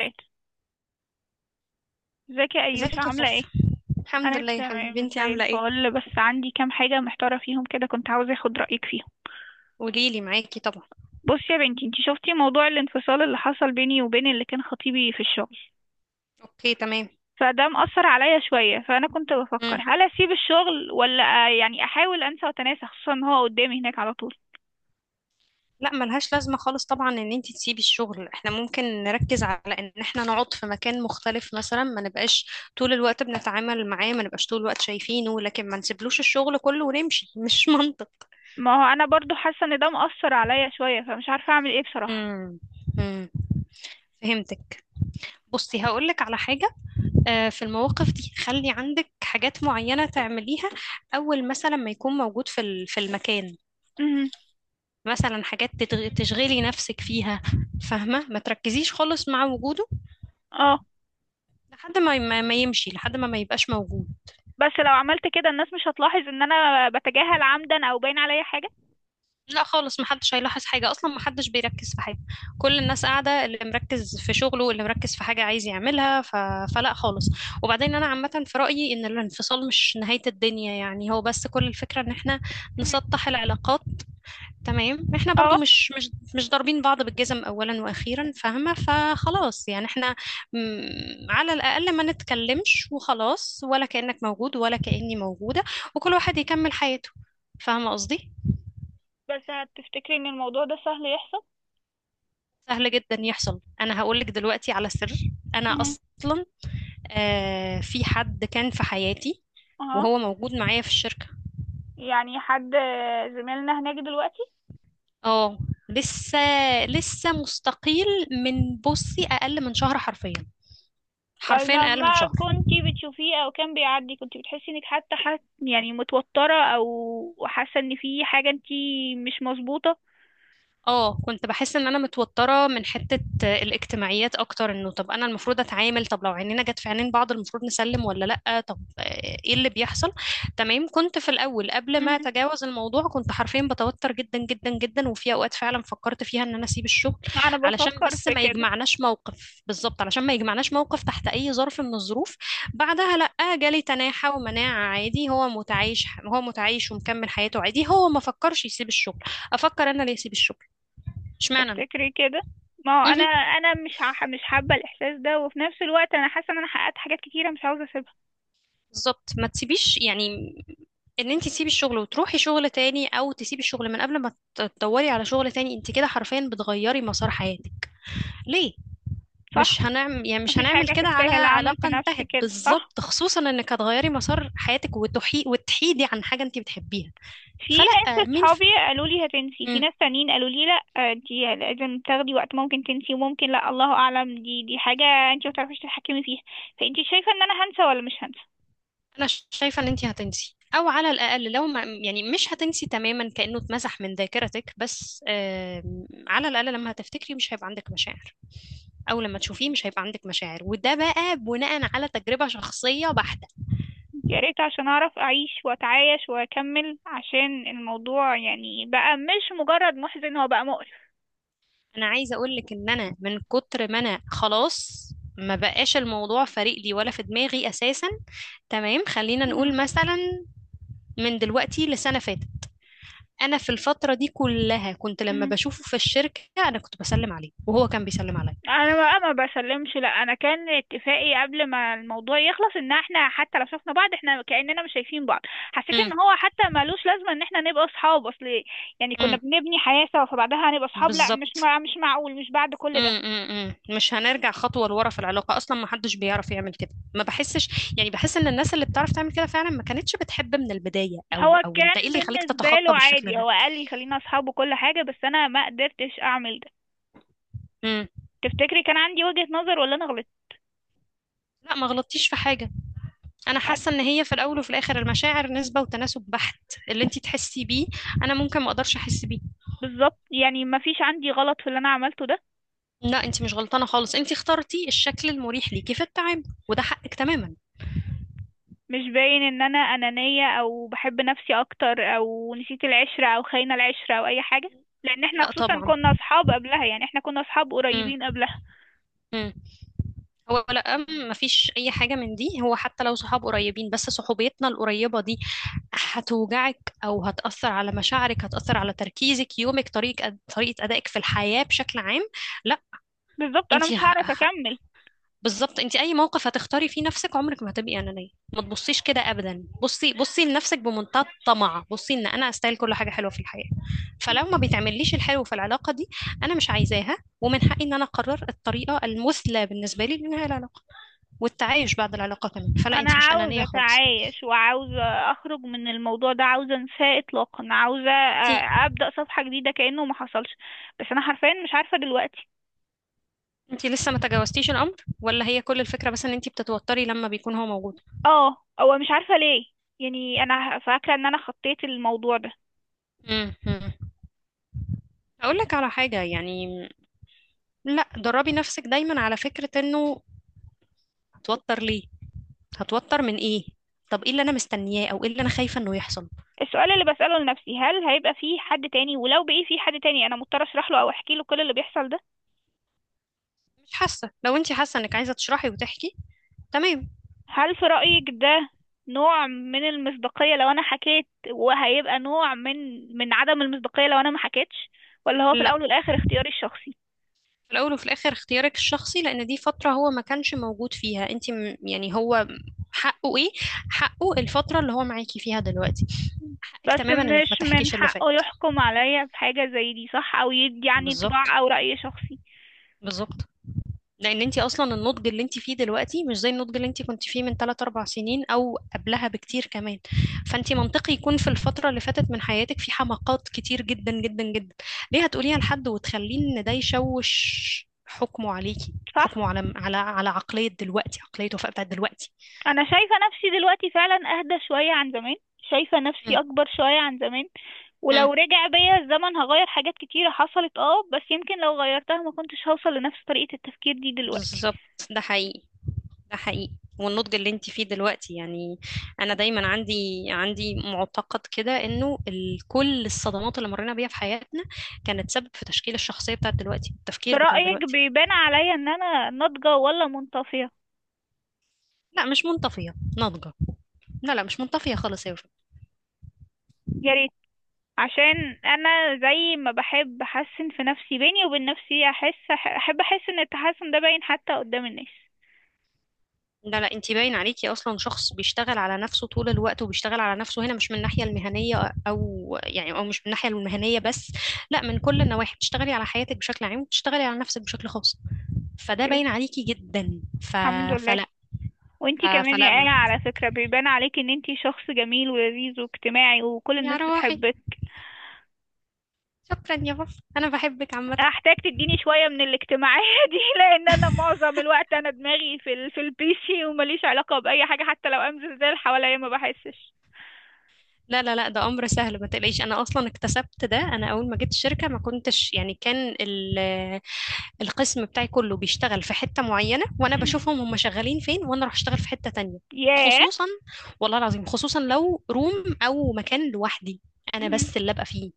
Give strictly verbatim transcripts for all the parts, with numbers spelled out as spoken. ازيك، ازيك يا ايوش؟ ازيك يا عامله ايه؟ فوفا؟ الحمد انا لله يا حبيبي، تمام انتي زي عامله ايه؟ الفل، بس عندي كام حاجه محتاره فيهم كده، كنت عاوزه اخد رايك فيهم. قوليلي، معاكي طبعا. بصي يا بنتي، انتي شفتي موضوع الانفصال اللي حصل بيني وبين اللي كان خطيبي في الشغل. اوكي تمام. فده مأثر عليا شويه، فانا كنت بفكر مم. هل اسيب الشغل ولا آه، يعني احاول انسى واتناسى، خصوصا ان هو قدامي هناك على طول. لا، ملهاش لازمه خالص طبعا ان انتي تسيبي الشغل. احنا ممكن نركز على ان احنا نقعد في مكان مختلف، مثلا ما نبقاش طول الوقت بنتعامل معاه، ما نبقاش طول الوقت شايفينه، لكن ما نسيبلوش الشغل كله ونمشي مش منطق. ما هو انا برضو حاسه ان ده مأثر عليا شويه، فمش عارفه اعمل ايه بصراحه. مم. مم. فهمتك. بصي، هقولك على حاجة. آه، في المواقف دي خلي عندك حاجات معينة تعمليها. أول مثلا ما يكون موجود في ال- في المكان. امم مثلا حاجات تتغ- تشغلي نفسك فيها، فاهمة؟ ما تركزيش خالص مع وجوده. اه. لحد ما ما ما يمشي، لحد ما ما يبقاش موجود. بس لو عملت كده الناس مش هتلاحظ ان انا بتجاهل عمدا او باين عليا حاجه؟ لا خالص، محدش هيلاحظ حاجة، أصلا محدش بيركز في حاجة. كل الناس قاعدة، اللي مركز في شغله، اللي مركز في حاجة عايز يعملها. ف... فلا خالص. وبعدين أنا عامة في رأيي إن الانفصال مش نهاية الدنيا، يعني هو بس كل الفكرة إن احنا مهم. نسطح العلاقات. تمام، احنا اه. برضو مش مش مش ضاربين بعض بالجزم اولا واخيرا، فاهمه؟ فخلاص يعني احنا، م، على الاقل ما نتكلمش وخلاص، ولا كانك موجود ولا كاني موجوده، وكل واحد يكمل حياته. فاهمه قصدي؟ بس هتفتكري ان الموضوع ده سهل يحصل؟ سهل جدا يحصل. انا هقول لك دلوقتي على سر. انا مهم. اصلا آه في حد كان في حياتي اها. وهو موجود معايا في الشركه. يعني حد زميلنا هناك دلوقتي؟ اه. لسه لسه مستقيل من، بصي، اقل من شهر حرفيا. طيب حرفيا اقل من لما شهر. كنتي بتشوفيه او كان بيعدي، كنتي بتحسي انك حتى حت يعني متوترة او حاسة ان في حاجة انتي مش مظبوطة؟ اه، كنت بحس ان انا متوتره من حته الاجتماعيات اكتر. انه طب انا المفروض اتعامل، طب لو عينينا جت في عينين بعض المفروض نسلم ولا لا؟ طب آه، ايه اللي بيحصل؟ تمام، كنت في الاول قبل ما مهم. اتجاوز الموضوع كنت حرفيا بتوتر جدا جدا جدا، وفي اوقات فعلا فكرت فيها ان انا اسيب الشغل، انا علشان بفكر بس في ما كده. يجمعناش موقف. بالظبط، علشان ما يجمعناش موقف تحت اي ظرف من الظروف. بعدها لا، جالي تناحة ومناعة عادي. هو متعايش، هو متعايش ومكمل حياته عادي، هو ما فكرش يسيب الشغل. افكر انا ليه اسيب الشغل؟ اشمعنى انا؟ تفتكري كده؟ ما هو انا مهم. انا مش ح- مش حابة الاحساس ده، وفي نفس الوقت انا حاسة ان انا حققت حاجات كتيرة مش عاوزة اسيبها. بالظبط، ما تسيبيش يعني. ان انت تسيبي الشغل وتروحي شغل تاني، او تسيبي الشغل من قبل ما ت- تدوري على شغل تاني، انت كده حرفيا بتغيري مسار حياتك. ليه؟ صح. مش هنعمل، يعني مش مفيش هنعمل حاجة كده على تستاهل اعمل في علاقة نفسي انتهت. كده، صح. بالظبط، خصوصا انك هتغيري مسار حياتك وتحي... وتحيدي عن حاجة انت بتحبيها. في فلا، ناس مين اصحابي في. قالوا لي هتنسي، في مم. ناس تانيين قالوا لي لا آه، دي لازم تاخدي وقت، ممكن تنسي وممكن لا، الله اعلم، دي دي حاجه انت ما تعرفيش تتحكمي فيها. فانت شايفه ان انا هنسى ولا مش هنسى؟ انا ش- شايفة ان انت هتنسي، او على الاقل لو ما، يعني مش هتنسي تماما كأنه اتمسح من ذاكرتك، بس آم، على الاقل لما هتفتكري مش هيبقى عندك مشاعر. اول لما تشوفيه مش هيبقى عندك مشاعر، وده بقى بناء على تجربة شخصية بحتة. يا ريت، عشان اعرف اعيش واتعايش واكمل، عشان الموضوع يعني بقى مش مجرد محزن، هو بقى مقرف. انا عايزة اقول لك ان انا من كتر ما انا خلاص، ما بقاش الموضوع فارق لي ولا في دماغي اساسا. تمام، خلينا مهم. نقول مثلا من دلوقتي لسنة فاتت، انا في الفترة دي كلها كنت لما بشوفه في الشركة انا كنت بسلم عليه وهو كان بيسلم عليا. انا بقى ما بسلمش، لا، انا كان اتفاقي قبل ما الموضوع يخلص ان احنا حتى لو شفنا بعض احنا كأننا مش شايفين بعض. حسيت ان امم. هو حتى ملوش لازمه ان احنا نبقى اصحاب. اصل يعني كنا امم. بنبني حياه سوا، فبعدها هنبقى اصحاب؟ لا، مش بالظبط. مع مش معقول، مش بعد كل ده. امم. امم. مش هنرجع خطوة لورا في العلاقة أصلا، ما حدش بيعرف يعمل كده، ما بحسش، يعني بحس إن الناس اللي بتعرف تعمل كده فعلا ما كانتش بتحب من البداية. أو هو أو كان أنت إيه اللي يخليك بالنسبه تتخطى له بالشكل عادي، ده؟ هو قال لي خلينا اصحاب وكل حاجه، بس انا ما قدرتش اعمل ده. امم. تفتكري كان عندي وجهة نظر ولا انا غلطت؟ لا، ما غلطتيش في حاجة. أنا حاسة حد- إن هي في الأول وفي الآخر المشاعر نسبة وتناسب بحت. اللي أنت تحسي بيه أنا ممكن ما أقدرش أحس بيه. بالظبط، يعني ما فيش عندي غلط في اللي انا عملته ده. لا، أنت مش غلطانة خالص، أنت اخترتي الشكل المريح ليكي في التعامل، وده حقك تماما. مش باين ان انا انانية او بحب نفسي اكتر او نسيت العشرة او خاينة العشرة او اي حاجة؟ لان احنا لا خصوصا طبعا. كنا اصحاب قبلها، يعني احنا كنا اصحاب امم. قريبين قبلها. هو لا، أم- مفيش اي حاجه من دي. هو حتى لو صحاب قريبين، بس صحوبيتنا القريبه دي هتوجعك او هتاثر على مشاعرك، هتاثر على تركيزك، يومك، طريقه أد- طريقه ادائك في الحياه بشكل عام. لا. بالظبط، انا انت مش ه... هعرف ه- اكمل. بالظبط، انت اي موقف هتختاري فيه نفسك عمرك ما هتبقي انانيه. ما تبصيش كده ابدا. بصي، بصي لنفسك بمنتهى الطمع. بصي ان انا استاهل كل حاجه حلوه في الحياه، فلو ما بيتعمليش الحلو في العلاقه دي انا مش عايزاها. ومن حقي ان انا اقرر الطريقه المثلى بالنسبه لي لانهاء العلاقه والتعايش بعد العلاقة كمان. فلا، انا انت مش أنانية عاوزة خالص. اتعايش، وعاوزة اخرج من الموضوع ده، عاوزة انساه اطلاقا، عاوزة انت آه، ابدأ صفحة جديدة كأنه ما حصلش. بس انا حرفيا مش عارفة دلوقتي. انت لسه ما تجاوزتيش الأمر، ولا هي كل الفكرة بس ان انت بتتوتري لما بيكون هو موجود؟ اه، هو مش عارفة ليه. يعني انا فاكرة ان انا خطيت الموضوع ده. امم. أقول لك على حاجة يعني. لا، دربي نفسك دايما على فكرة انه هتوتر ليه؟ هتوتر من ايه؟ طب ايه اللي انا مستنياه، او ايه اللي انا خايفة انه يحصل؟ السؤال اللي بسأله لنفسي، هل هيبقى في حد تاني؟ ولو بقي في حد تاني، انا مضطر اشرح له او احكي له كل اللي بيحصل ده؟ مش حاسة. لو انت حاسة انك عايزة تشرحي وتحكي، تمام. هل في رأيك ده نوع من المصداقية لو انا حكيت، وهيبقى نوع من من عدم المصداقية لو انا ما حكيتش؟ ولا هو في الاول لا، والاخر اختياري الشخصي؟ في الأول وفي الآخر اختيارك الشخصي، لأن دي فترة هو ما كانش موجود فيها. انت م- يعني هو حقه ايه؟ حقه الفترة اللي هو معاكي فيها دلوقتي. حقك بس تماما انك ما مش من تحكيش اللي حقه فات. يحكم عليا بحاجة زي دي، صح، او يدي عني بالظبط. انطباع او رأي شخصي. بالظبط. لان انت اصلا النضج اللي انت فيه دلوقتي مش زي النضج اللي انت كنت فيه من ثلاث اربع سنين او قبلها بكتير كمان. فانت منطقي يكون في الفتره اللي فاتت من حياتك في حماقات كتير جدا جدا جدا. ليه هتقوليها لحد وتخليه ان ده يشوش حكمه عليكي، صح. حكمه على على على عقليه دلوقتي، عقليه وفاء بتاعت دلوقتي. انا شايفه نفسي دلوقتي فعلا اهدى شويه عن زمان، شايفه نفسي م- اكبر شويه عن زمان. م. ولو رجع بيا الزمن هغير حاجات كتيره حصلت، اه، بس يمكن لو غيرتها ما كنتش هوصل لنفس طريقه التفكير دي دلوقتي. بالظبط، ده حقيقي، ده حقيقي. والنضج اللي انت فيه دلوقتي يعني، انا دايما عندي عندي معتقد كده انه ال- كل الصدمات اللي مرينا بيها في حياتنا كانت سبب في تشكيل الشخصية بتاعت دلوقتي، التفكير بتاع برأيك دلوقتي. بيبان عليا ان انا ناضجه ولا منطفيه؟ لا، مش منطفية، ناضجة. لا لا، مش منطفية خالص يا وفاء. يا ريت، عشان انا زي ما بحب احسن في نفسي بيني وبين نفسي، احس احب احس ان التحسن ده باين حتى قدام الناس. لا لا، انت باين عليكي اصلا شخص بيشتغل على نفسه طول الوقت، وبيشتغل على نفسه هنا مش من الناحية المهنية، او يعني، او مش من الناحية المهنية بس، لا، من كل النواحي. بتشتغلي على حياتك بشكل عام وبتشتغلي على نفسك بشكل خاص، فده باين عليكي جدا. ف... الحمد لله. فلا. وانتي ف- كمان يا فلما آية، على فكرة، بيبان عليك ان انتي شخص جميل ولذيذ واجتماعي، وكل يا الناس روحي، بتحبك. شكرا يا بابا، انا بحبك عامه. هحتاج تديني شوية من الاجتماعية دي، لان انا معظم الوقت انا دماغي في ال... في البيسي، ومليش علاقة بأي حاجة، حتى لو امزل زي اللي حواليا ما بحسش. لا لا لا، ده امر سهل، ما تقلقيش. انا اصلا اكتسبت ده. انا اول ما جيت الشركه ما كنتش، يعني، كان ال- القسم بتاعي كله بيشتغل في حته معينه، وانا مهم. بشوفهم هم شغالين فين، وانا اروح اشتغل في حته تانية. ياه. خصوصا، والله العظيم خصوصا لو روم او مكان لوحدي انا مهم. بس اللي ابقى فيه.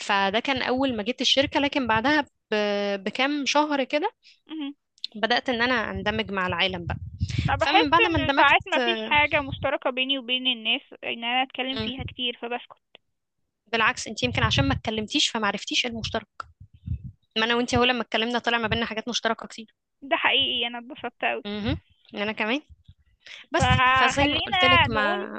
فده كان اول ما جيت الشركه، لكن بعدها ب- بكام شهر كده مهم. بدات ان انا اندمج مع العالم بقى. انا فمن بحس بعد ما ان ساعات اندمجت، ما فيش آه، حاجة مشتركة بيني وبين الناس ان انا اتكلم مم. فيها كتير، فبسكت. بالعكس، انت يمكن عشان ما اتكلمتيش فما عرفتيش إيه المشترك. ما انا وانت هو لما اتكلمنا طلع ما بيننا حاجات مشتركه كتير. ده حقيقي، انا اتبسطت اوي. امم، انا كمان. بس، فزي ما قلت فخلينا لك، نقول ما.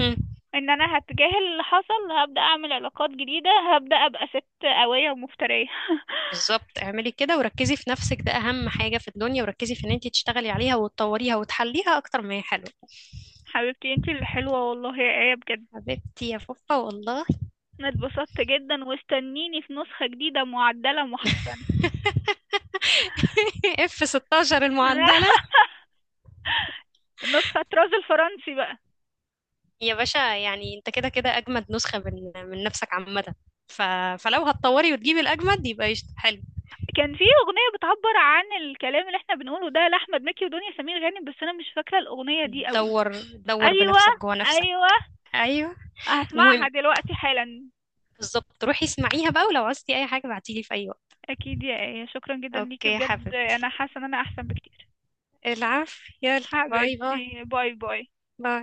مم. ان انا هتجاهل اللي حصل، هبدأ اعمل علاقات جديدة، هبدأ ابقى ست قوية ومفترية بالظبط، اعملي كده وركزي في نفسك، ده اهم حاجه في الدنيا. وركزي في ان انت تشتغلي عليها وتطوريها وتحليها اكتر ما هي حلوه. حبيبتي انتي اللي حلوة، والله يا ايه بجد. حبيبتي يا فوفا والله. انا اتبسطت جدا، واستنيني في نسخة جديدة معدلة محسنة اف ستاشر المعدل. النسخة طراز الفرنسي بقى. يا باشا، يعني انت كده كده اجمد نسخة من من نفسك عامة. ف... فلو هتطوري وتجيبي الاجمد يبقى قشطة، حلو. كان في اغنية بتعبر عن الكلام اللي احنا بنقوله ده لاحمد مكي ودنيا سمير غانم، بس انا مش فاكرة الاغنية دي قوي. دور، دور ايوه، بنفسك جوه نفسك. ايوه، ايوه. هسمعها المهم، دلوقتي حالا. بالظبط، روحي اسمعيها بقى، ولو عوزتي اي حاجة بعتيلي في اي وقت. اكيد يا ايه، شكرا جدا اوكي ليكي يا بجد، حبيبي، انا حاسة ان انا احسن بكتير. العفو، يلا، باي باي. حبيبتي باي باي. باي.